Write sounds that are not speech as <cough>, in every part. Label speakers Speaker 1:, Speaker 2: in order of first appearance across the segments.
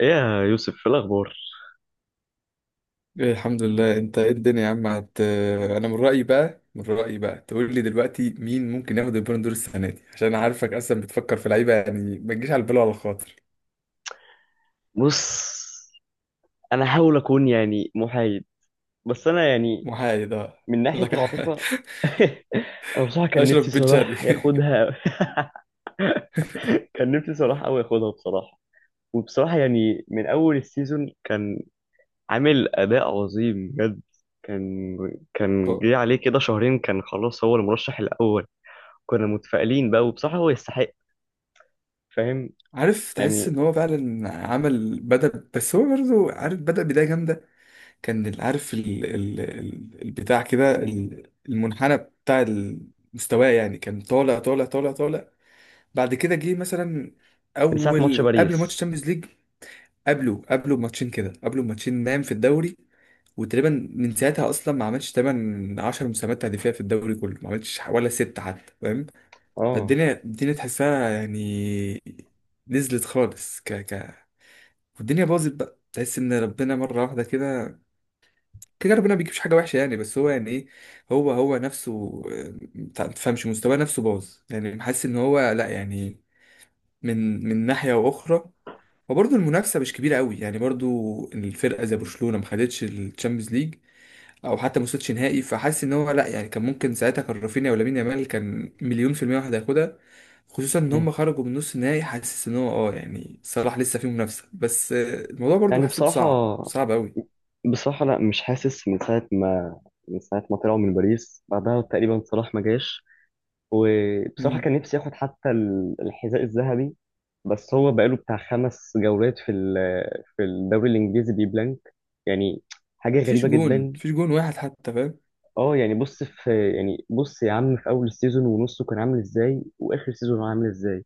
Speaker 1: ايه يا يوسف في الاخبار؟
Speaker 2: إيه، الحمد لله. انت ايه الدنيا يا عم، انا من رأيي بقى تقول لي دلوقتي مين ممكن ياخد البالون دور السنة دي؟ عشان انا عارفك اصلا بتفكر في لعيبة، يعني ما تجيش على البال ولا الخاطر.
Speaker 1: بص، انا احاول اكون يعني محايد. بس انا يعني
Speaker 2: محايد، اه.
Speaker 1: من ناحيه
Speaker 2: لك ح-
Speaker 1: العاطفه.
Speaker 2: <laughs>
Speaker 1: <laughs> انا بصراحه كان
Speaker 2: اشرف
Speaker 1: نفسي
Speaker 2: بن شرقي.
Speaker 1: صلاح
Speaker 2: <laughs>
Speaker 1: ياخدها. <laughs> كان نفسي صلاح قوي ياخدها بصراحه. وبصراحه يعني من اول السيزون كان عامل اداء عظيم بجد. كان كان جه
Speaker 2: هو-
Speaker 1: عليه كده شهرين، كان خلاص هو المرشح الاول. كنا متفائلين بقى وبصراحه هو يستحق. فاهم؟
Speaker 2: عارف، تحس
Speaker 1: يعني
Speaker 2: ان هو فعلا عمل بدأ، بس هو برضه عارف بدأ بداية جامدة. عارف البتاع كده، المنحنى بتاع المستوى، يعني كان طالع طالع طالع طالع. بعد كده جه مثلا
Speaker 1: من ساعه ماتش
Speaker 2: اول قبل
Speaker 1: باريس.
Speaker 2: ماتش تشامبيونز ليج. قبله بماتشين كده، قبله بماتشين، نام في الدوري. وتقريبا من ساعتها اصلا ما عملش تمن 10 مساهمات تهديفيه في الدوري كله، ما عملش ولا ست حتى، فاهم.
Speaker 1: اه.
Speaker 2: فالدنيا تحسها يعني، نزلت خالص ك ك والدنيا باظت بقى، تحس ان ربنا مره واحده كده، كده ربنا ما بيجيبش حاجه وحشه يعني، بس هو يعني ايه، هو نفسه آه، ما تفهمش مستواه نفسه باظ، يعني حاسس ان هو لا، يعني من ناحية أخرى. وبرضه المنافسة مش كبيرة قوي يعني، برضه الفرقة زي برشلونة ما خدتش الشامبيونز ليج، أو حتى ما وصلتش نهائي، فحاسس إن هو لأ، يعني كان ممكن ساعتها كان رافينيا ولامين يامال، كان مليون في المية واحد هياخدها، خصوصا إن
Speaker 1: مم.
Speaker 2: هم خرجوا من نص النهائي. حاسس إن هو أه، يعني صلاح لسه فيه منافسة بس آه، الموضوع برضه
Speaker 1: يعني
Speaker 2: حسيته
Speaker 1: بصراحة
Speaker 2: صعب صعب قوي.
Speaker 1: بصراحة لا مش حاسس من ساعة ما طلعوا من باريس بعدها تقريبا صلاح ما جاش. وبصراحة
Speaker 2: مم.
Speaker 1: كان نفسي ياخد حتى الحذاء الذهبي. بس هو بقاله بتاع خمس جولات في في الدوري الإنجليزي بيبلانك. يعني حاجة
Speaker 2: مفيش
Speaker 1: غريبة
Speaker 2: جون
Speaker 1: جدا.
Speaker 2: مفيش جون واحد حتى، فاهم.
Speaker 1: اه، يعني بص يا عم، في اول السيزون ونصه كان عامل ازاي واخر سيزون هو عامل ازاي؟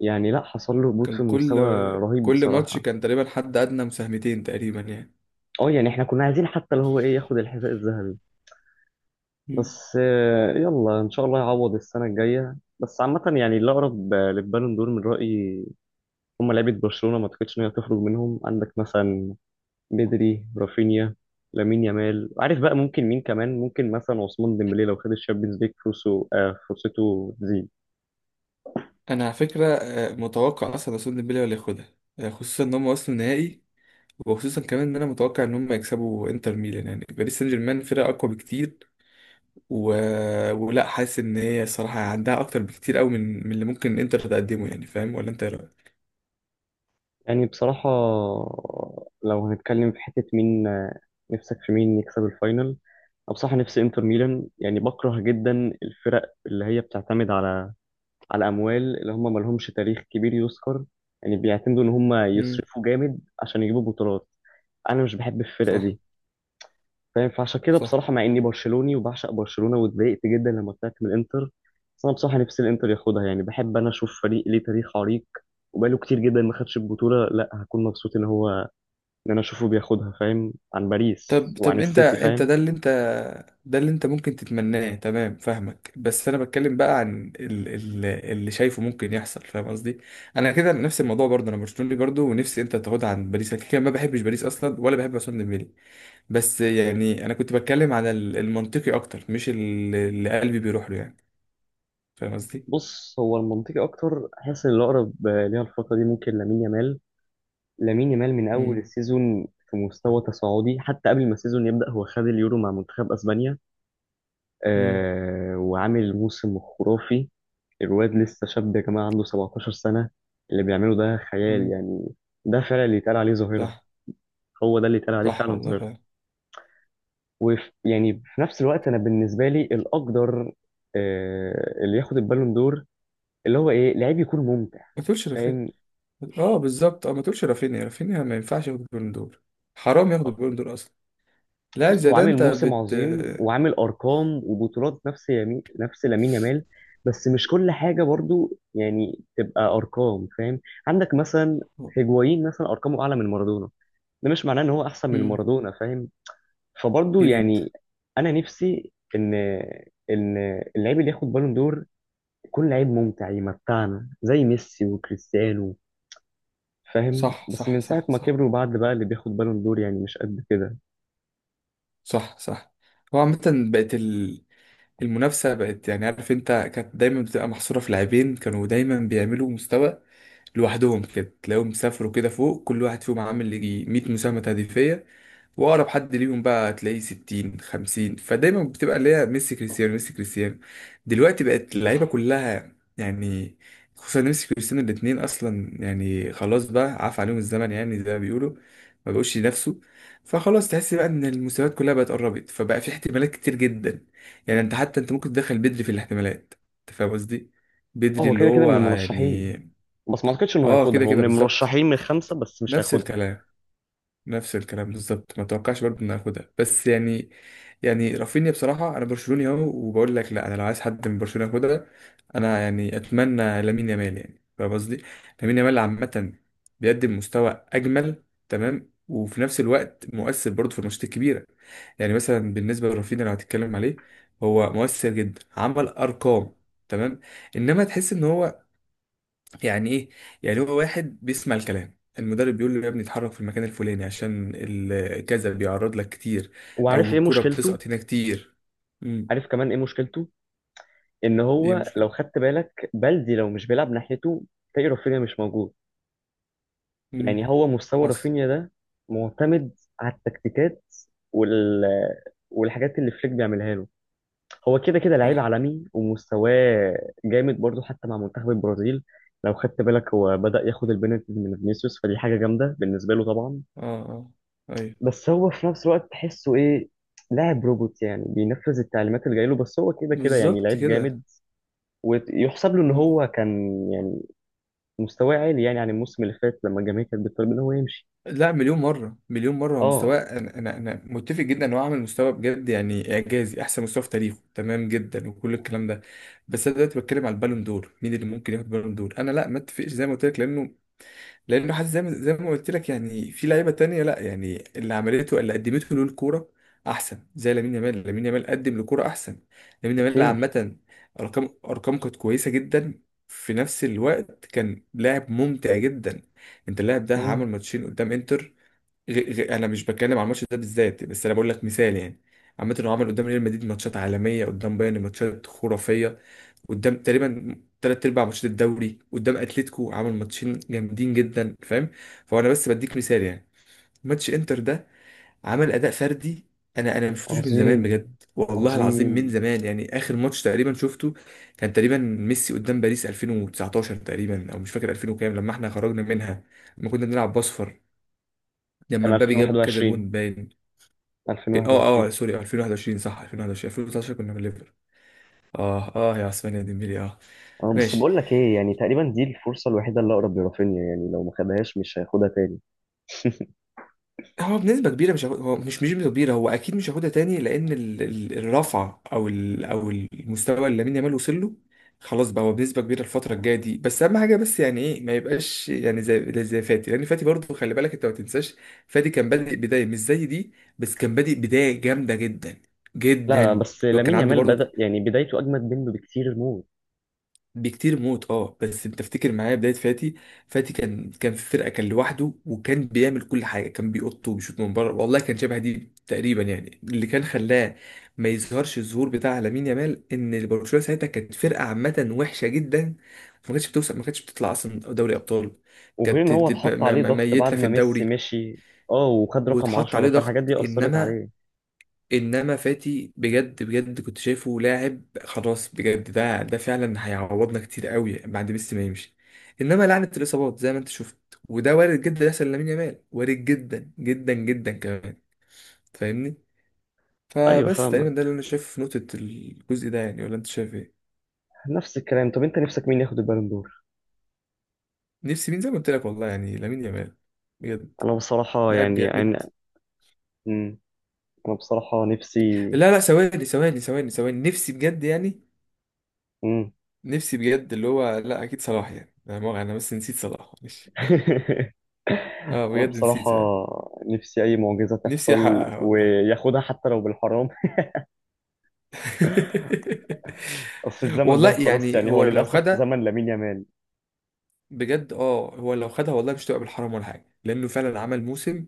Speaker 1: يعني لا، حصل له هبوط في
Speaker 2: كان كل
Speaker 1: مستوى رهيب
Speaker 2: كل ماتش
Speaker 1: بصراحه.
Speaker 2: كان تقريبا حد أدنى مساهمتين تقريبا يعني.
Speaker 1: اه، يعني احنا كنا عايزين حتى اللي هو ايه ياخد الحذاء الذهبي. بس يلا ان شاء الله يعوض السنه الجايه. بس عامه يعني اللي اقرب للبالون دور من رايي هم لعيبه برشلونه. ما اعتقدش ان هي تخرج منهم. عندك مثلا بدري، رافينيا، لامين يامال، عارف بقى ممكن مين كمان، ممكن مثلا عثمان ديمبلي لو خد الشامبيونز ليج فرصه فرصته تزيد.
Speaker 2: انا على فكره آه، متوقع اصلا عثمان ديمبلي هو اللي ياخدها، آه، خصوصا ان هم وصلوا النهائي. وخصوصا كمان ان انا متوقع ان هم يكسبوا انتر ميلان، يعني باريس سان جيرمان فرقه اقوى بكتير و... ولا حاسس ان هي الصراحه عندها اكتر بكتير قوي من اللي ممكن انتر تقدمه، يعني فاهم ولا انت ايه رايك؟
Speaker 1: يعني بصراحة، لو هنتكلم في حتة مين نفسك في مين يكسب الفاينل، أنا بصراحة نفسي إنتر ميلان. يعني بكره جدا الفرق اللي هي بتعتمد على أموال، اللي هم مالهمش تاريخ كبير يذكر. يعني بيعتمدوا إن هم
Speaker 2: امم.
Speaker 1: يصرفوا جامد عشان يجيبوا بطولات. أنا مش بحب الفرقة
Speaker 2: صح.
Speaker 1: دي. فاهم؟ فعشان كده
Speaker 2: صح.
Speaker 1: بصراحه مع اني برشلوني وبعشق برشلونه واتضايقت جدا لما طلعت من الانتر، بس انا بصراحه نفسي الانتر ياخدها. يعني بحب انا اشوف فريق ليه تاريخ عريق وبقاله كتير جدا ما خدش البطوله. لا، هكون مبسوط ان انا اشوفه بياخدها. فاهم؟ عن باريس
Speaker 2: طب
Speaker 1: وعن
Speaker 2: طب انت
Speaker 1: السيتي.
Speaker 2: انت
Speaker 1: فاهم؟
Speaker 2: ده اللي انت، ده اللي انت ممكن تتمناه، تمام فاهمك. بس انا بتكلم بقى عن ال اللي شايفه ممكن يحصل، فاهم قصدي. انا كده نفس الموضوع برضه، انا برشلوني برضه ونفسي انت تاخدها عن باريس. انا كده كده ما بحبش باريس اصلا ولا بحب عثمان ديمبلي، بس يعني انا كنت بتكلم على المنطقي اكتر مش اللي قلبي بيروح له يعني، فاهم قصدي.
Speaker 1: بص، هو المنطقي اكتر، حاسس ان الاقرب ليها الفتره دي ممكن لامين يامال. لامين يامال من اول
Speaker 2: امم.
Speaker 1: السيزون في مستوى تصاعدي، حتى قبل ما السيزون يبدا هو خد اليورو مع منتخب اسبانيا.
Speaker 2: امم.
Speaker 1: وعامل موسم خرافي. الواد لسه شاب يا جماعة، عنده 17 سنة. اللي بيعمله ده خيال
Speaker 2: امم.
Speaker 1: يعني. ده فعلا اللي يتقال عليه ظاهرة.
Speaker 2: صح،
Speaker 1: هو ده اللي يتقال عليه
Speaker 2: صح
Speaker 1: فعلا
Speaker 2: والله
Speaker 1: ظاهرة.
Speaker 2: فعلا.
Speaker 1: ويعني في نفس الوقت أنا بالنسبة لي الأقدر، اللي ياخد البالون دور اللي هو إيه لعيب يكون ممتع.
Speaker 2: ما تقولش رافينيا.
Speaker 1: فاهم؟
Speaker 2: اه بالظبط، اه، ما تقولش رافينيا. رافينيا ما ينفعش ياخد البالون دور، حرام ياخد البالون دور اصلا. لا
Speaker 1: بص
Speaker 2: زي
Speaker 1: هو
Speaker 2: ده
Speaker 1: عامل
Speaker 2: انت
Speaker 1: موسم
Speaker 2: بت.
Speaker 1: عظيم وعامل أرقام وبطولات نفس يمين نفس لامين يامال. بس مش كل حاجة برضو يعني تبقى أرقام. فاهم؟ عندك مثلا هيجوايين، مثلا أرقامه أعلى من مارادونا. ده مش معناه ان هو احسن من
Speaker 2: مم.
Speaker 1: مارادونا. فاهم؟ فبرضه
Speaker 2: اكيد.
Speaker 1: يعني انا نفسي ان اللعيب اللي ياخد بالون دور يكون لعيب ممتع يمتعنا زي ميسي وكريستيانو. فاهم؟
Speaker 2: صح،
Speaker 1: بس
Speaker 2: صح،
Speaker 1: من ساعه
Speaker 2: صح،
Speaker 1: ما
Speaker 2: صح.
Speaker 1: كبروا، بعد بقى اللي بياخد بالون دور يعني مش قد كده.
Speaker 2: صح، صح. هو عامة، بقت ال... المنافسة بقت، يعني عارف انت، كانت دايما بتبقى محصورة في لاعبين كانوا دايما بيعملوا مستوى لوحدهم، كده تلاقيهم سافروا كده فوق، كل واحد فيهم عامل يجي 100 مساهمة هدفية، واقرب حد ليهم بقى هتلاقيه 60 50. فدايما بتبقى اللي هي ميسي كريستيانو، ميسي كريستيانو. دلوقتي بقت اللعيبه كلها يعني، خصوصا ميسي كريستيانو الاثنين اصلا يعني خلاص بقى، عاف عليهم الزمن يعني زي ما بيقولوا، ما بقوش ينافسوا. فخلاص تحس بقى ان المستويات كلها بقت قربت، فبقى في احتمالات كتير جدا، يعني انت حتى انت ممكن تدخل بدري في الاحتمالات. انت فاهم قصدي؟
Speaker 1: اه،
Speaker 2: بدري
Speaker 1: هو
Speaker 2: اللي
Speaker 1: كده كده
Speaker 2: هو
Speaker 1: من المرشحين.
Speaker 2: يعني.
Speaker 1: بس ما اعتقدش انه
Speaker 2: اه
Speaker 1: هياخدها.
Speaker 2: كده
Speaker 1: هو من
Speaker 2: كده بالظبط،
Speaker 1: المرشحين من خمسه، بس مش
Speaker 2: نفس
Speaker 1: هياخدها.
Speaker 2: الكلام. نفس الكلام بالظبط، ما توقعش برضه ان اخدها، بس يعني، يعني رافينيا بصراحه، انا برشلوني اهو وبقول لك لا، انا لو عايز حد من برشلونه ياخدها، انا يعني اتمنى لامين يامال، يعني فاهم قصدي. لامين يامال عامه بيقدم مستوى اجمل، تمام، وفي نفس الوقت مؤثر برضه في الماتشات الكبيره. يعني مثلا بالنسبه لرافينيا اللي هتتكلم عليه، هو مؤثر جدا، عمل ارقام، تمام، انما تحس ان هو، يعني ايه، يعني هو واحد بيسمع الكلام، المدرب بيقول له يا ابني اتحرك في المكان الفلاني عشان كذا، بيعرض لك كتير،
Speaker 1: وعارف
Speaker 2: او
Speaker 1: ايه
Speaker 2: الكرة
Speaker 1: مشكلته،
Speaker 2: بتسقط هنا كتير. امم.
Speaker 1: عارف كمان ايه مشكلته؟ ان
Speaker 2: دي
Speaker 1: هو لو
Speaker 2: مشكلة.
Speaker 1: خدت بالك بلدي، لو مش بيلعب ناحيته تلاقي رافينيا مش موجود.
Speaker 2: امم.
Speaker 1: يعني هو مستوى
Speaker 2: حصل.
Speaker 1: رافينيا ده معتمد على التكتيكات وال والحاجات اللي فليك بيعملها له. هو كده كده لعيب
Speaker 2: صح.
Speaker 1: عالمي ومستواه جامد برضه حتى مع منتخب البرازيل. لو خدت بالك هو بدأ ياخد البنالتي من فينيسيوس، فدي حاجة جامدة بالنسبة له طبعا.
Speaker 2: اه، اه، ايوه.
Speaker 1: بس هو في نفس الوقت تحسه ايه؟ لاعب روبوت يعني، بينفذ التعليمات اللي جايله. بس هو كده كده يعني
Speaker 2: بالظبط
Speaker 1: لعيب
Speaker 2: كده.
Speaker 1: جامد. ويحسب له ان
Speaker 2: مم.
Speaker 1: هو كان، يعني مستواه عالي يعني عن الموسم اللي فات لما الجماهير كانت بتطلب ان هو يمشي.
Speaker 2: لا، مليون مرة مليون مرة هو مستواه،
Speaker 1: اه،
Speaker 2: أنا متفق جدا إن هو عامل مستوى بجد يعني إعجازي، أحسن مستوى في تاريخه، تمام جدا وكل الكلام ده. بس أنا دلوقتي بتكلم على البالون دور، مين اللي ممكن ياخد بالون دور. أنا لا، ما أتفقش زي ما قلت لك، لأنه، لانه حاسس زي ما قلت لك يعني في لعيبه تانية، لا، يعني اللي عملته اللي قدمته له الكوره احسن، زي لامين يامال. لامين يامال قدم لكوره احسن. لامين يامال
Speaker 1: بكتير.
Speaker 2: عامه، ارقام كانت كويسه جدا، في نفس الوقت كان لاعب ممتع جدا. انت اللاعب ده عمل
Speaker 1: مم.
Speaker 2: ماتشين قدام انتر. انا مش بتكلم عن الماتش ده بالذات، بس انا بقول لك مثال يعني. عامه هو عمل قدام ريال مدريد ماتشات عالميه، قدام بايرن ماتشات خرافيه، قدام تقريبا تلات ارباع ماتشات الدوري، قدام اتلتيكو عمل ماتشين جامدين جدا، فاهم. فهو انا بس بديك مثال يعني، ماتش انتر ده عمل اداء فردي انا ما شفتوش من زمان
Speaker 1: عظيم،
Speaker 2: بجد، والله العظيم، من
Speaker 1: عظيم.
Speaker 2: زمان يعني، اخر ماتش تقريبا شفته كان تقريبا ميسي قدام باريس 2019 تقريبا، او مش فاكر، 2000 وكام، لما احنا خرجنا منها، لما كنا بنلعب باصفر، لما
Speaker 1: كان
Speaker 2: مبابي جاب كذا
Speaker 1: 2021.
Speaker 2: جون باين. اه اه
Speaker 1: 2021.
Speaker 2: سوري، 2021، صح 2021، 2019 كنا من ليفر. اه اه يا عثمان يا ديمبلي، اه.
Speaker 1: اه، بس
Speaker 2: ماشي.
Speaker 1: بقول لك ايه، يعني تقريبا دي الفرصه الوحيده اللي اقرب لرافينيا. يعني لو ما خدهاش مش هياخدها تاني. <laughs>
Speaker 2: هو بنسبة كبيرة مش هاخد- هو مش بنسبة كبيرة، هو أكيد مش هياخدها تاني لأن الرفعة أو ال أو المستوى اللي لامين يامال وصل له، خلاص بقى هو بنسبة كبيرة الفترة الجاية دي، بس أهم حاجة بس، يعني إيه، ما يبقاش يعني زي فاتي، لأن فاتي برضه خلي بالك أنت ما تنساش، فاتي كان بادئ بداية مش زي دي، بس كان بادئ بداية جامدة جدا،
Speaker 1: لا لا،
Speaker 2: جدا.
Speaker 1: بس
Speaker 2: هو كان
Speaker 1: لامين
Speaker 2: عنده
Speaker 1: يامال بدأ،
Speaker 2: برضه
Speaker 1: يعني بدايته أجمد منه بكتير موت.
Speaker 2: بكتير موت، اه، بس انت تفتكر معايا بدايه فاتي؟ فاتي كان في فرقه، كان لوحده وكان بيعمل كل حاجه، كان بيقط وبيشوط من بره والله، كان شبه دي تقريبا يعني، اللي كان خلاه ما يظهرش الظهور بتاع لامين يامال ان برشلونه ساعتها كانت فرقه عامه وحشه جدا، ما كانتش بتوصل، ما كانتش بتطلع اصلا دوري ابطال،
Speaker 1: وغير إن
Speaker 2: كانت
Speaker 1: هو اتحط عليه ضغط بعد
Speaker 2: ميته في
Speaker 1: ما ميسي
Speaker 2: الدوري،
Speaker 1: مشي. اه، وخد رقم
Speaker 2: واتحط
Speaker 1: 10،
Speaker 2: عليه
Speaker 1: فالحاجات
Speaker 2: ضغط،
Speaker 1: دي أثرت
Speaker 2: انما
Speaker 1: عليه.
Speaker 2: انما فاتي بجد بجد كنت شايفه لاعب خلاص، بجد ده فعلا هيعوضنا كتير قوي بعد ميسي ما يمشي، انما لعنه الاصابات زي ما انت شفت، وده وارد جدا يحصل لامين يامال، وارد جدا جدا جدا كمان، فاهمني.
Speaker 1: أيوه
Speaker 2: فبس تقريبا
Speaker 1: فاهمك.
Speaker 2: ده اللي انا شايفه في نقطه الجزء ده يعني، ولا انت شايف ايه؟
Speaker 1: نفس الكلام. طب أنت نفسك مين ياخد البالون دور؟
Speaker 2: نفسي مين، زي ما قلت لك والله، يعني لامين يامال، بجد،
Speaker 1: أنا بصراحة
Speaker 2: لاعب
Speaker 1: يعني
Speaker 2: جامد.
Speaker 1: أنا. مم. أنا بصراحة نفسي.
Speaker 2: لا لا، ثواني ثواني ثواني ثواني، نفسي بجد يعني،
Speaker 1: مم.
Speaker 2: نفسي بجد اللي هو لا، اكيد صلاح يعني، انا بس نسيت صلاح معلش.
Speaker 1: <laughs>
Speaker 2: اه
Speaker 1: أنا
Speaker 2: بجد
Speaker 1: بصراحة
Speaker 2: نسيت بقى.
Speaker 1: نفسي أي معجزة
Speaker 2: نفسي
Speaker 1: تحصل
Speaker 2: احققها والله.
Speaker 1: وياخدها حتى لو بالحرام. <laughs> أصل
Speaker 2: <laughs>
Speaker 1: الزمن
Speaker 2: والله
Speaker 1: ده خلاص،
Speaker 2: يعني
Speaker 1: يعني هو
Speaker 2: هو لو
Speaker 1: للأسف
Speaker 2: خدها
Speaker 1: زمن لامين يامال.
Speaker 2: بجد، اه، هو لو خدها والله مش تبقى بالحرام ولا حاجه، لانه فعلا عمل موسم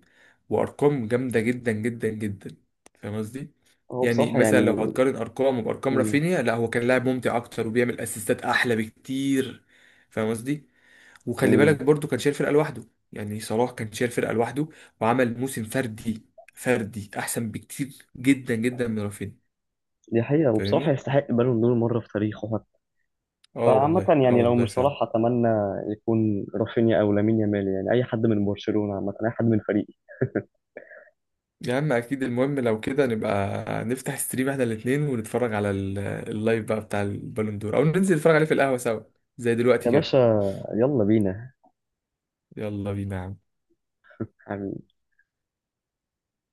Speaker 2: وارقام جامده جدا جدا جدا، فاهم قصدي.
Speaker 1: هو
Speaker 2: يعني
Speaker 1: بصراحة
Speaker 2: مثلا لو
Speaker 1: يعني.
Speaker 2: هتقارن ارقامه بارقام
Speaker 1: مم.
Speaker 2: رافينيا، لا، هو كان لاعب ممتع اكتر وبيعمل اسيستات احلى بكتير، فاهم قصدي. وخلي
Speaker 1: مم.
Speaker 2: بالك برضو كان شايل فرقه لوحده. يعني صلاح كان شايل فرقه لوحده وعمل موسم فردي، فردي احسن بكتير جدا جدا من رافينيا،
Speaker 1: دي حقيقة، وبصراحة
Speaker 2: فاهمني.
Speaker 1: يستحق بالون دور مرة في تاريخه حتى.
Speaker 2: اه
Speaker 1: فعامة
Speaker 2: والله، اه
Speaker 1: يعني لو
Speaker 2: والله
Speaker 1: مش
Speaker 2: فعلا.
Speaker 1: صلاح، أتمنى يكون رافينيا أو لامين يامال. يعني أي حد من برشلونة عامة، أي حد من فريقي.
Speaker 2: يا عم اكيد، المهم لو كده نبقى نفتح ستريم احنا الاتنين ونتفرج على اللايف بقى بتاع البالون دور، او ننزل نتفرج عليه في القهوة سوا زي دلوقتي
Speaker 1: يا
Speaker 2: كده.
Speaker 1: باشا، يلا بينا.
Speaker 2: يلا بينا يا عم.